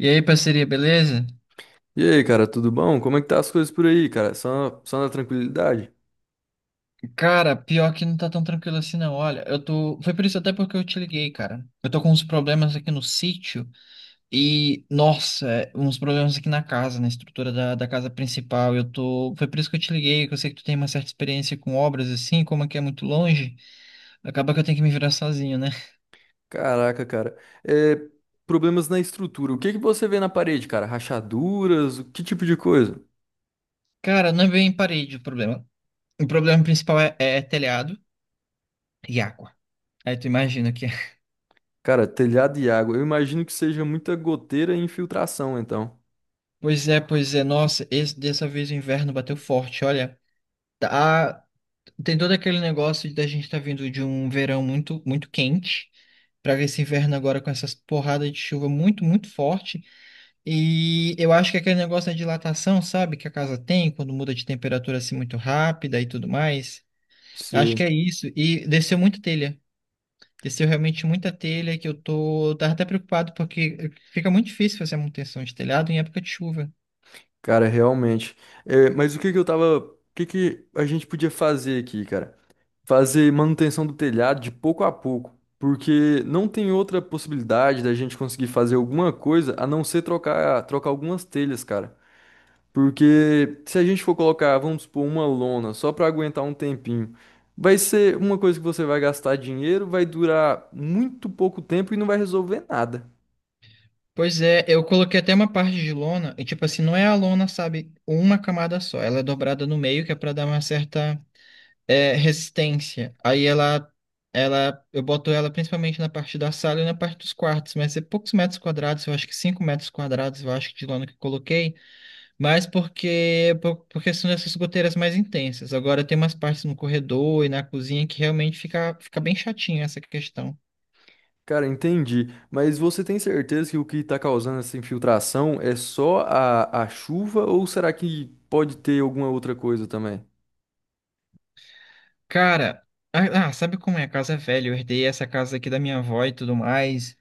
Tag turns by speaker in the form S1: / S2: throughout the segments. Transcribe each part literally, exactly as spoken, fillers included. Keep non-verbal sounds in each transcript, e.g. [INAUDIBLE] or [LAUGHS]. S1: E aí, parceria, beleza?
S2: E aí, cara, tudo bom? Como é que tá as coisas por aí, cara? Só, só na tranquilidade?
S1: Cara, pior que não tá tão tranquilo assim, não. Olha, eu tô. Foi por isso até porque eu te liguei, cara. Eu tô com uns problemas aqui no sítio e, nossa, é, uns problemas aqui na casa, na estrutura da, da casa principal. Eu tô. Foi por isso que eu te liguei, que eu sei que tu tem uma certa experiência com obras assim, como aqui é muito longe, acaba que eu tenho que me virar sozinho, né?
S2: Caraca, cara. É, problemas na estrutura. O que que você vê na parede, cara? Rachaduras? O que tipo de coisa?
S1: Cara, não é bem parede o problema. O problema principal é, é telhado e água. Aí tu imagina que. [LAUGHS]
S2: Cara, telhado e água. Eu imagino que seja muita goteira e infiltração, então.
S1: Pois é, pois é, nossa, esse, dessa vez o inverno bateu forte, olha. Tá, tem todo aquele negócio da gente estar vindo de um verão muito, muito quente para esse inverno agora com essas porradas de chuva muito, muito forte. E eu acho que aquele negócio da dilatação, sabe, que a casa tem quando muda de temperatura assim muito rápida e tudo mais. Acho que é
S2: Sim.
S1: isso. E desceu muita telha. Desceu realmente muita telha que eu tô, eu tava até preocupado porque fica muito difícil fazer a manutenção de telhado em época de chuva.
S2: Cara, realmente. É, mas o que que eu tava... O que que a gente podia fazer aqui, cara? Fazer manutenção do telhado de pouco a pouco, porque não tem outra possibilidade da gente conseguir fazer alguma coisa a não ser trocar, trocar algumas telhas, cara. Porque se a gente for colocar, vamos supor, uma lona só para aguentar um tempinho, vai ser uma coisa que você vai gastar dinheiro, vai durar muito pouco tempo e não vai resolver nada.
S1: Pois é, eu coloquei até uma parte de lona, e tipo assim, não é a lona, sabe, uma camada só, ela é dobrada no meio, que é pra dar uma certa é, resistência. Aí ela, ela, eu boto ela principalmente na parte da sala e na parte dos quartos, mas é poucos metros quadrados, eu acho que cinco metros quadrados, eu acho que de lona que eu coloquei, mas porque, por, por questão dessas goteiras mais intensas. Agora tem umas partes no corredor e na cozinha que realmente fica, fica bem chatinho essa questão.
S2: Cara, entendi. Mas você tem certeza que o que está causando essa infiltração é só a, a chuva ou será que pode ter alguma outra coisa também?
S1: Cara, ah, ah, sabe como é? A casa é velha. Eu herdei essa casa aqui da minha avó e tudo mais.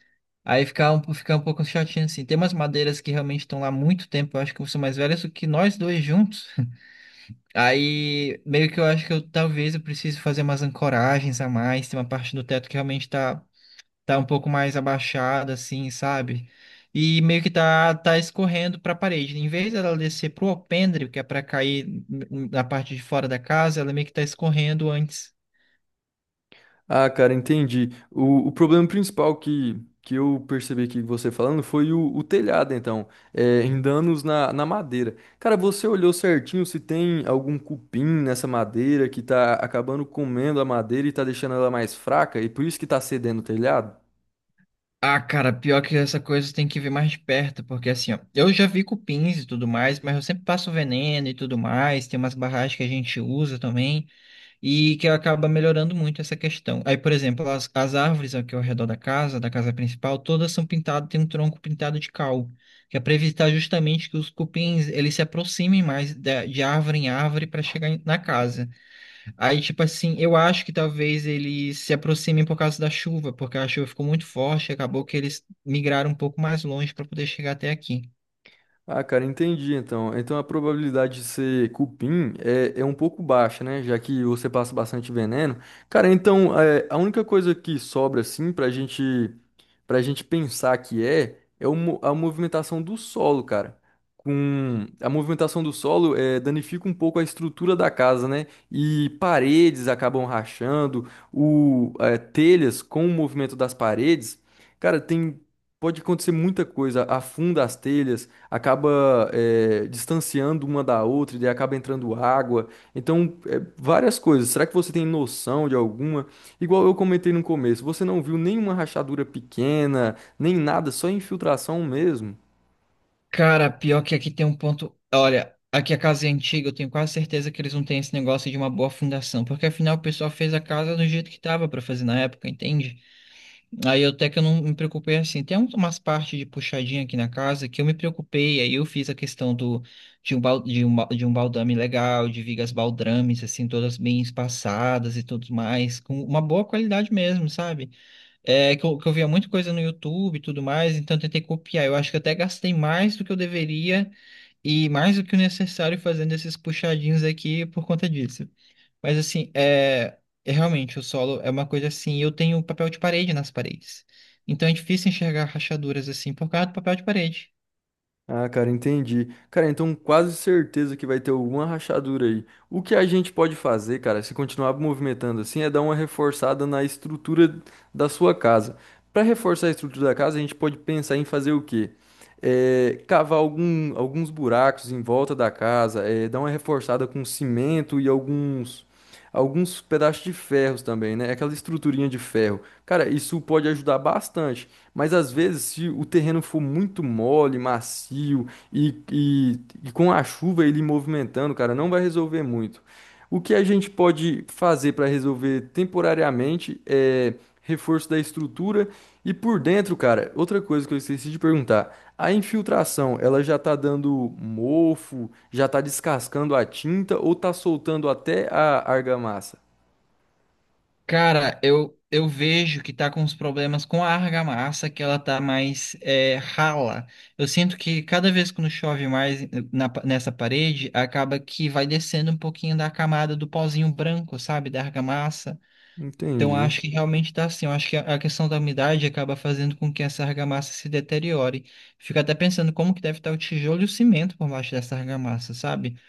S1: Aí fica um, fica um pouco chatinho assim. Tem umas madeiras que realmente estão lá há muito tempo. Eu acho que são mais velhas do que nós dois juntos. [LAUGHS] Aí meio que eu acho que eu talvez eu precise fazer umas ancoragens a mais. Tem uma parte do teto que realmente tá, tá um pouco mais abaixada, assim, sabe? E meio que tá, tá escorrendo para a parede. Em vez dela descer pro alpendre, que é para cair na parte de fora da casa, ela meio que tá escorrendo antes.
S2: Ah, cara, entendi. O, o problema principal que, que eu percebi que você falando foi o, o telhado, então, é, em danos na, na madeira. Cara, você olhou certinho se tem algum cupim nessa madeira que tá acabando comendo a madeira e tá deixando ela mais fraca e por isso que tá cedendo o telhado?
S1: Ah, cara, pior que essa coisa tem que ver mais de perto, porque assim, ó, eu já vi cupins e tudo mais, mas eu sempre passo veneno e tudo mais, tem umas barragens que a gente usa também, e que acaba melhorando muito essa questão. Aí, por exemplo, as, as árvores aqui ao redor da casa, da casa principal, todas são pintadas, tem um tronco pintado de cal, que é para evitar justamente que os cupins, eles se aproximem mais da- de, árvore em árvore para chegar em- na casa. Aí, tipo assim, eu acho que talvez eles se aproximem por causa da chuva, porque a chuva ficou muito forte, e acabou que eles migraram um pouco mais longe para poder chegar até aqui.
S2: Ah, cara, entendi então. Então a probabilidade de ser cupim é, é um pouco baixa, né? Já que você passa bastante veneno. Cara, então é, a única coisa que sobra assim pra gente pra gente pensar que é é o mo- a movimentação do solo, cara. Com a movimentação do solo é, danifica um pouco a estrutura da casa, né? E paredes acabam rachando, o é, telhas com o movimento das paredes, cara, tem pode acontecer muita coisa. Afunda as telhas acaba é, distanciando uma da outra e daí acaba entrando água. Então, é, várias coisas. Será que você tem noção de alguma? Igual eu comentei no começo, você não viu nenhuma rachadura pequena, nem nada, só infiltração mesmo.
S1: Cara, pior que aqui tem um ponto. Olha, aqui a casa é antiga, eu tenho quase certeza que eles não têm esse negócio de uma boa fundação, porque afinal o pessoal fez a casa do jeito que tava para fazer na época, entende? Aí eu até que eu não me preocupei assim. Tem um- umas partes de puxadinha aqui na casa que eu me preocupei. Aí eu fiz a questão do, de, um, bal- de, um, ba- de um baldame legal, de vigas baldrames, assim, todas bem espaçadas e tudo mais, com uma boa qualidade mesmo, sabe? É que eu, que eu via muita coisa no YouTube e tudo mais, então eu tentei copiar. Eu acho que até gastei mais do que eu deveria e mais do que o necessário fazendo esses puxadinhos aqui por conta disso. Mas assim, é, é realmente o solo é uma coisa assim, e eu tenho papel de parede nas paredes. Então é difícil enxergar rachaduras assim por causa do papel de parede.
S2: Ah, cara, entendi. Cara, então quase certeza que vai ter alguma rachadura aí. O que a gente pode fazer, cara, se continuar movimentando assim, é dar uma reforçada na estrutura da sua casa. Para reforçar a estrutura da casa, a gente pode pensar em fazer o quê? É, cavar algum- alguns buracos em volta da casa, é, dar uma reforçada com cimento e alguns, alguns pedaços de ferros também, né? Aquela estruturinha de ferro. Cara, isso pode ajudar bastante. Mas às vezes, se o terreno for muito mole, macio e, e, e com a chuva ele movimentando, cara, não vai resolver muito. O que a gente pode fazer para resolver temporariamente é reforço da estrutura e por dentro, cara, outra coisa que eu esqueci de perguntar, a infiltração, ela já tá dando mofo, já tá descascando a tinta ou tá soltando até a argamassa?
S1: Cara, eu, eu vejo que tá com uns problemas com a argamassa, que ela tá mais é, rala. Eu sinto que cada vez que chove mais na pa- nessa parede, acaba que vai descendo um pouquinho da camada do pozinho branco, sabe? Da argamassa. Então, eu
S2: Entendi.
S1: acho que realmente está assim. Eu acho que a a questão da umidade acaba fazendo com que essa argamassa se deteriore. Fico até pensando como que deve estar o tijolo e o cimento por baixo dessa argamassa, sabe?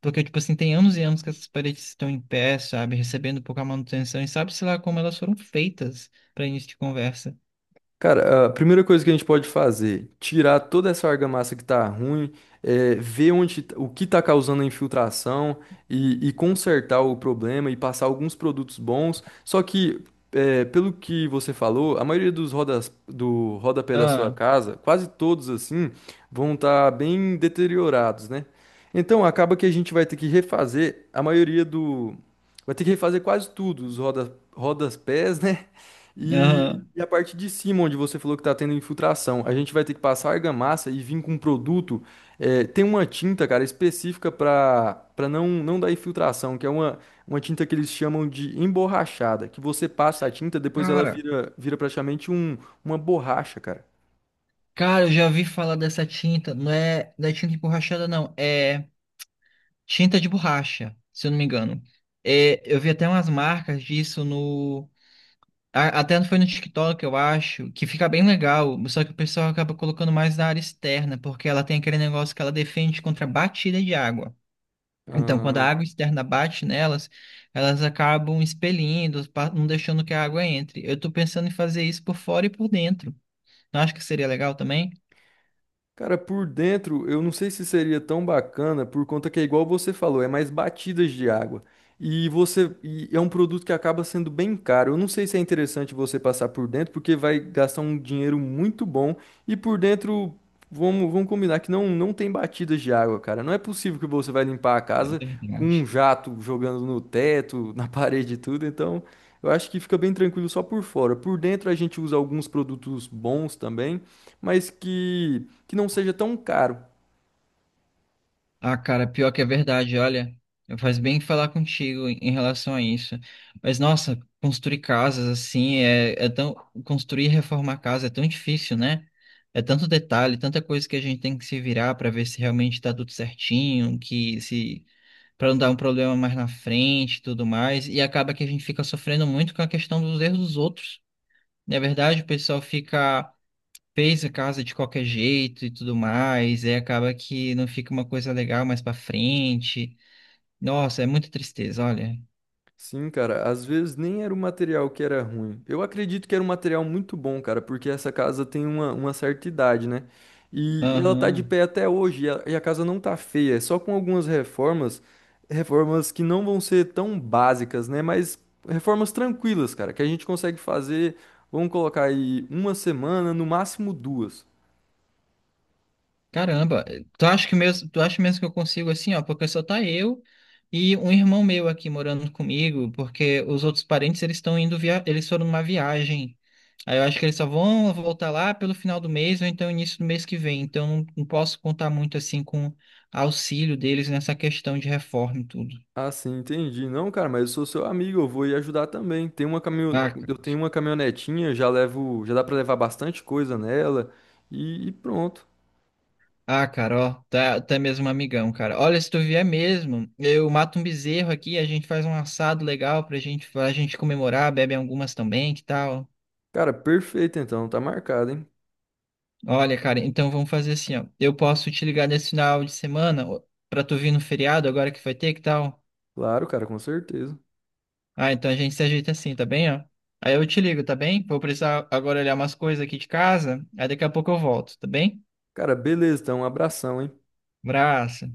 S1: Porque, tipo assim, tem anos e anos que essas paredes estão em pé, sabe? Recebendo pouca manutenção e sabe-se lá como elas foram feitas para início de conversa.
S2: Cara, a primeira coisa que a gente pode fazer, tirar toda essa argamassa que tá ruim, é, ver onde, t- o que tá causando a infiltração e, e consertar o problema e passar alguns produtos bons. Só que, é, pelo que você falou, a maioria dos rodas, do rodapé da sua
S1: Ah,
S2: casa, quase todos assim, vão estar bem deteriorados, né? Então acaba que a gente vai ter que refazer a maioria do. Vai ter que refazer quase tudo, os roda, rodas pés, né? E
S1: aham.
S2: e a parte de cima, onde você falou que está tendo infiltração, a gente vai ter que passar argamassa e vir com um produto. É, tem uma tinta, cara, específica para para não, não dar infiltração, que é uma, uma tinta que eles chamam de emborrachada, que você passa a tinta, depois ela
S1: Cara,
S2: vira, vira praticamente um, uma borracha, cara.
S1: cara, eu já ouvi falar dessa tinta. Não é, não é tinta emborrachada, não. É tinta de borracha, se eu não me engano. É, eu vi até umas marcas disso no A- Até foi no TikTok, eu acho, que fica bem legal, só que o pessoal acaba colocando mais na área externa, porque ela tem aquele negócio que ela defende contra batida de água. Então, quando a água externa bate nelas, elas acabam expelindo, pa- não deixando que a água entre. Eu tô pensando em fazer isso por fora e por dentro. Não acho que seria legal também?
S2: Cara, por dentro, eu não sei se seria tão bacana, por conta que é igual você falou, é mais batidas de água. E você, e é um produto que acaba sendo bem caro. Eu não sei se é interessante você passar por dentro, porque vai gastar um dinheiro muito bom. E por dentro, vamos, vamos combinar que não, não tem batidas de água, cara. Não é possível que você vai limpar a
S1: É
S2: casa com um
S1: verdade.
S2: jato jogando no teto, na [LAUGHS] parede e tudo. Então, eu acho que fica bem tranquilo só por fora. Por dentro, a gente usa alguns produtos bons também, mas que, que não seja tão caro.
S1: Ah, cara, pior que é verdade, olha, faz bem falar contigo em em relação a isso. Mas, nossa, construir casas assim é, é tão. Construir e reformar casa é tão difícil, né? É tanto detalhe, tanta coisa que a gente tem que se virar para ver se realmente está tudo certinho, que se. Para não dar um problema mais na frente e tudo mais. E acaba que a gente fica sofrendo muito com a questão dos erros dos outros. Na verdade, o pessoal fica fez a casa de qualquer jeito e tudo mais, e acaba que não fica uma coisa legal mais pra frente. Nossa, é muita tristeza, olha.
S2: Sim, cara, às vezes nem era o material que era ruim. Eu acredito que era um material muito bom, cara, porque essa casa tem uma, uma certa idade, né? E ela tá de
S1: Aham.
S2: pé até hoje, e a, e a casa não tá feia, é só com algumas reformas, reformas que não vão ser tão básicas, né? Mas reformas tranquilas, cara, que a gente consegue fazer, vamos colocar aí uma semana, no máximo duas.
S1: Caramba, tu acha que mesmo, tu acha mesmo que eu consigo assim, ó, porque só tá eu e um irmão meu aqui morando comigo, porque os outros parentes eles estão indo via, eles foram numa viagem. Aí eu acho que eles só vão voltar lá pelo final do mês ou então início do mês que vem. Então não, não posso contar muito assim com auxílio deles nessa questão de reforma e tudo.
S2: Ah, sim, entendi. Não, cara, mas eu sou seu amigo, eu vou ir ajudar também. Tem uma caminho...
S1: Ah,
S2: Eu tenho uma caminhonetinha, já levo, já dá pra levar bastante coisa nela e, e pronto.
S1: ah, cara, ó, tá, tá mesmo um amigão, cara. Olha, se tu vier mesmo, eu mato um bezerro aqui, a gente faz um assado legal pra gente, pra gente comemorar, bebe algumas também, que tal?
S2: Cara, perfeito então, tá marcado, hein?
S1: Olha, cara, então vamos fazer assim, ó. Eu posso te ligar nesse final de semana ó, pra tu vir no feriado agora que vai ter, que tal?
S2: Claro, cara, com certeza.
S1: Ah, então a gente se ajeita assim, tá bem, ó? Aí eu te ligo, tá bem? Vou precisar agora olhar umas coisas aqui de casa, aí daqui a pouco eu volto, tá bem?
S2: Cara, beleza, então, um abração, hein?
S1: Abraço.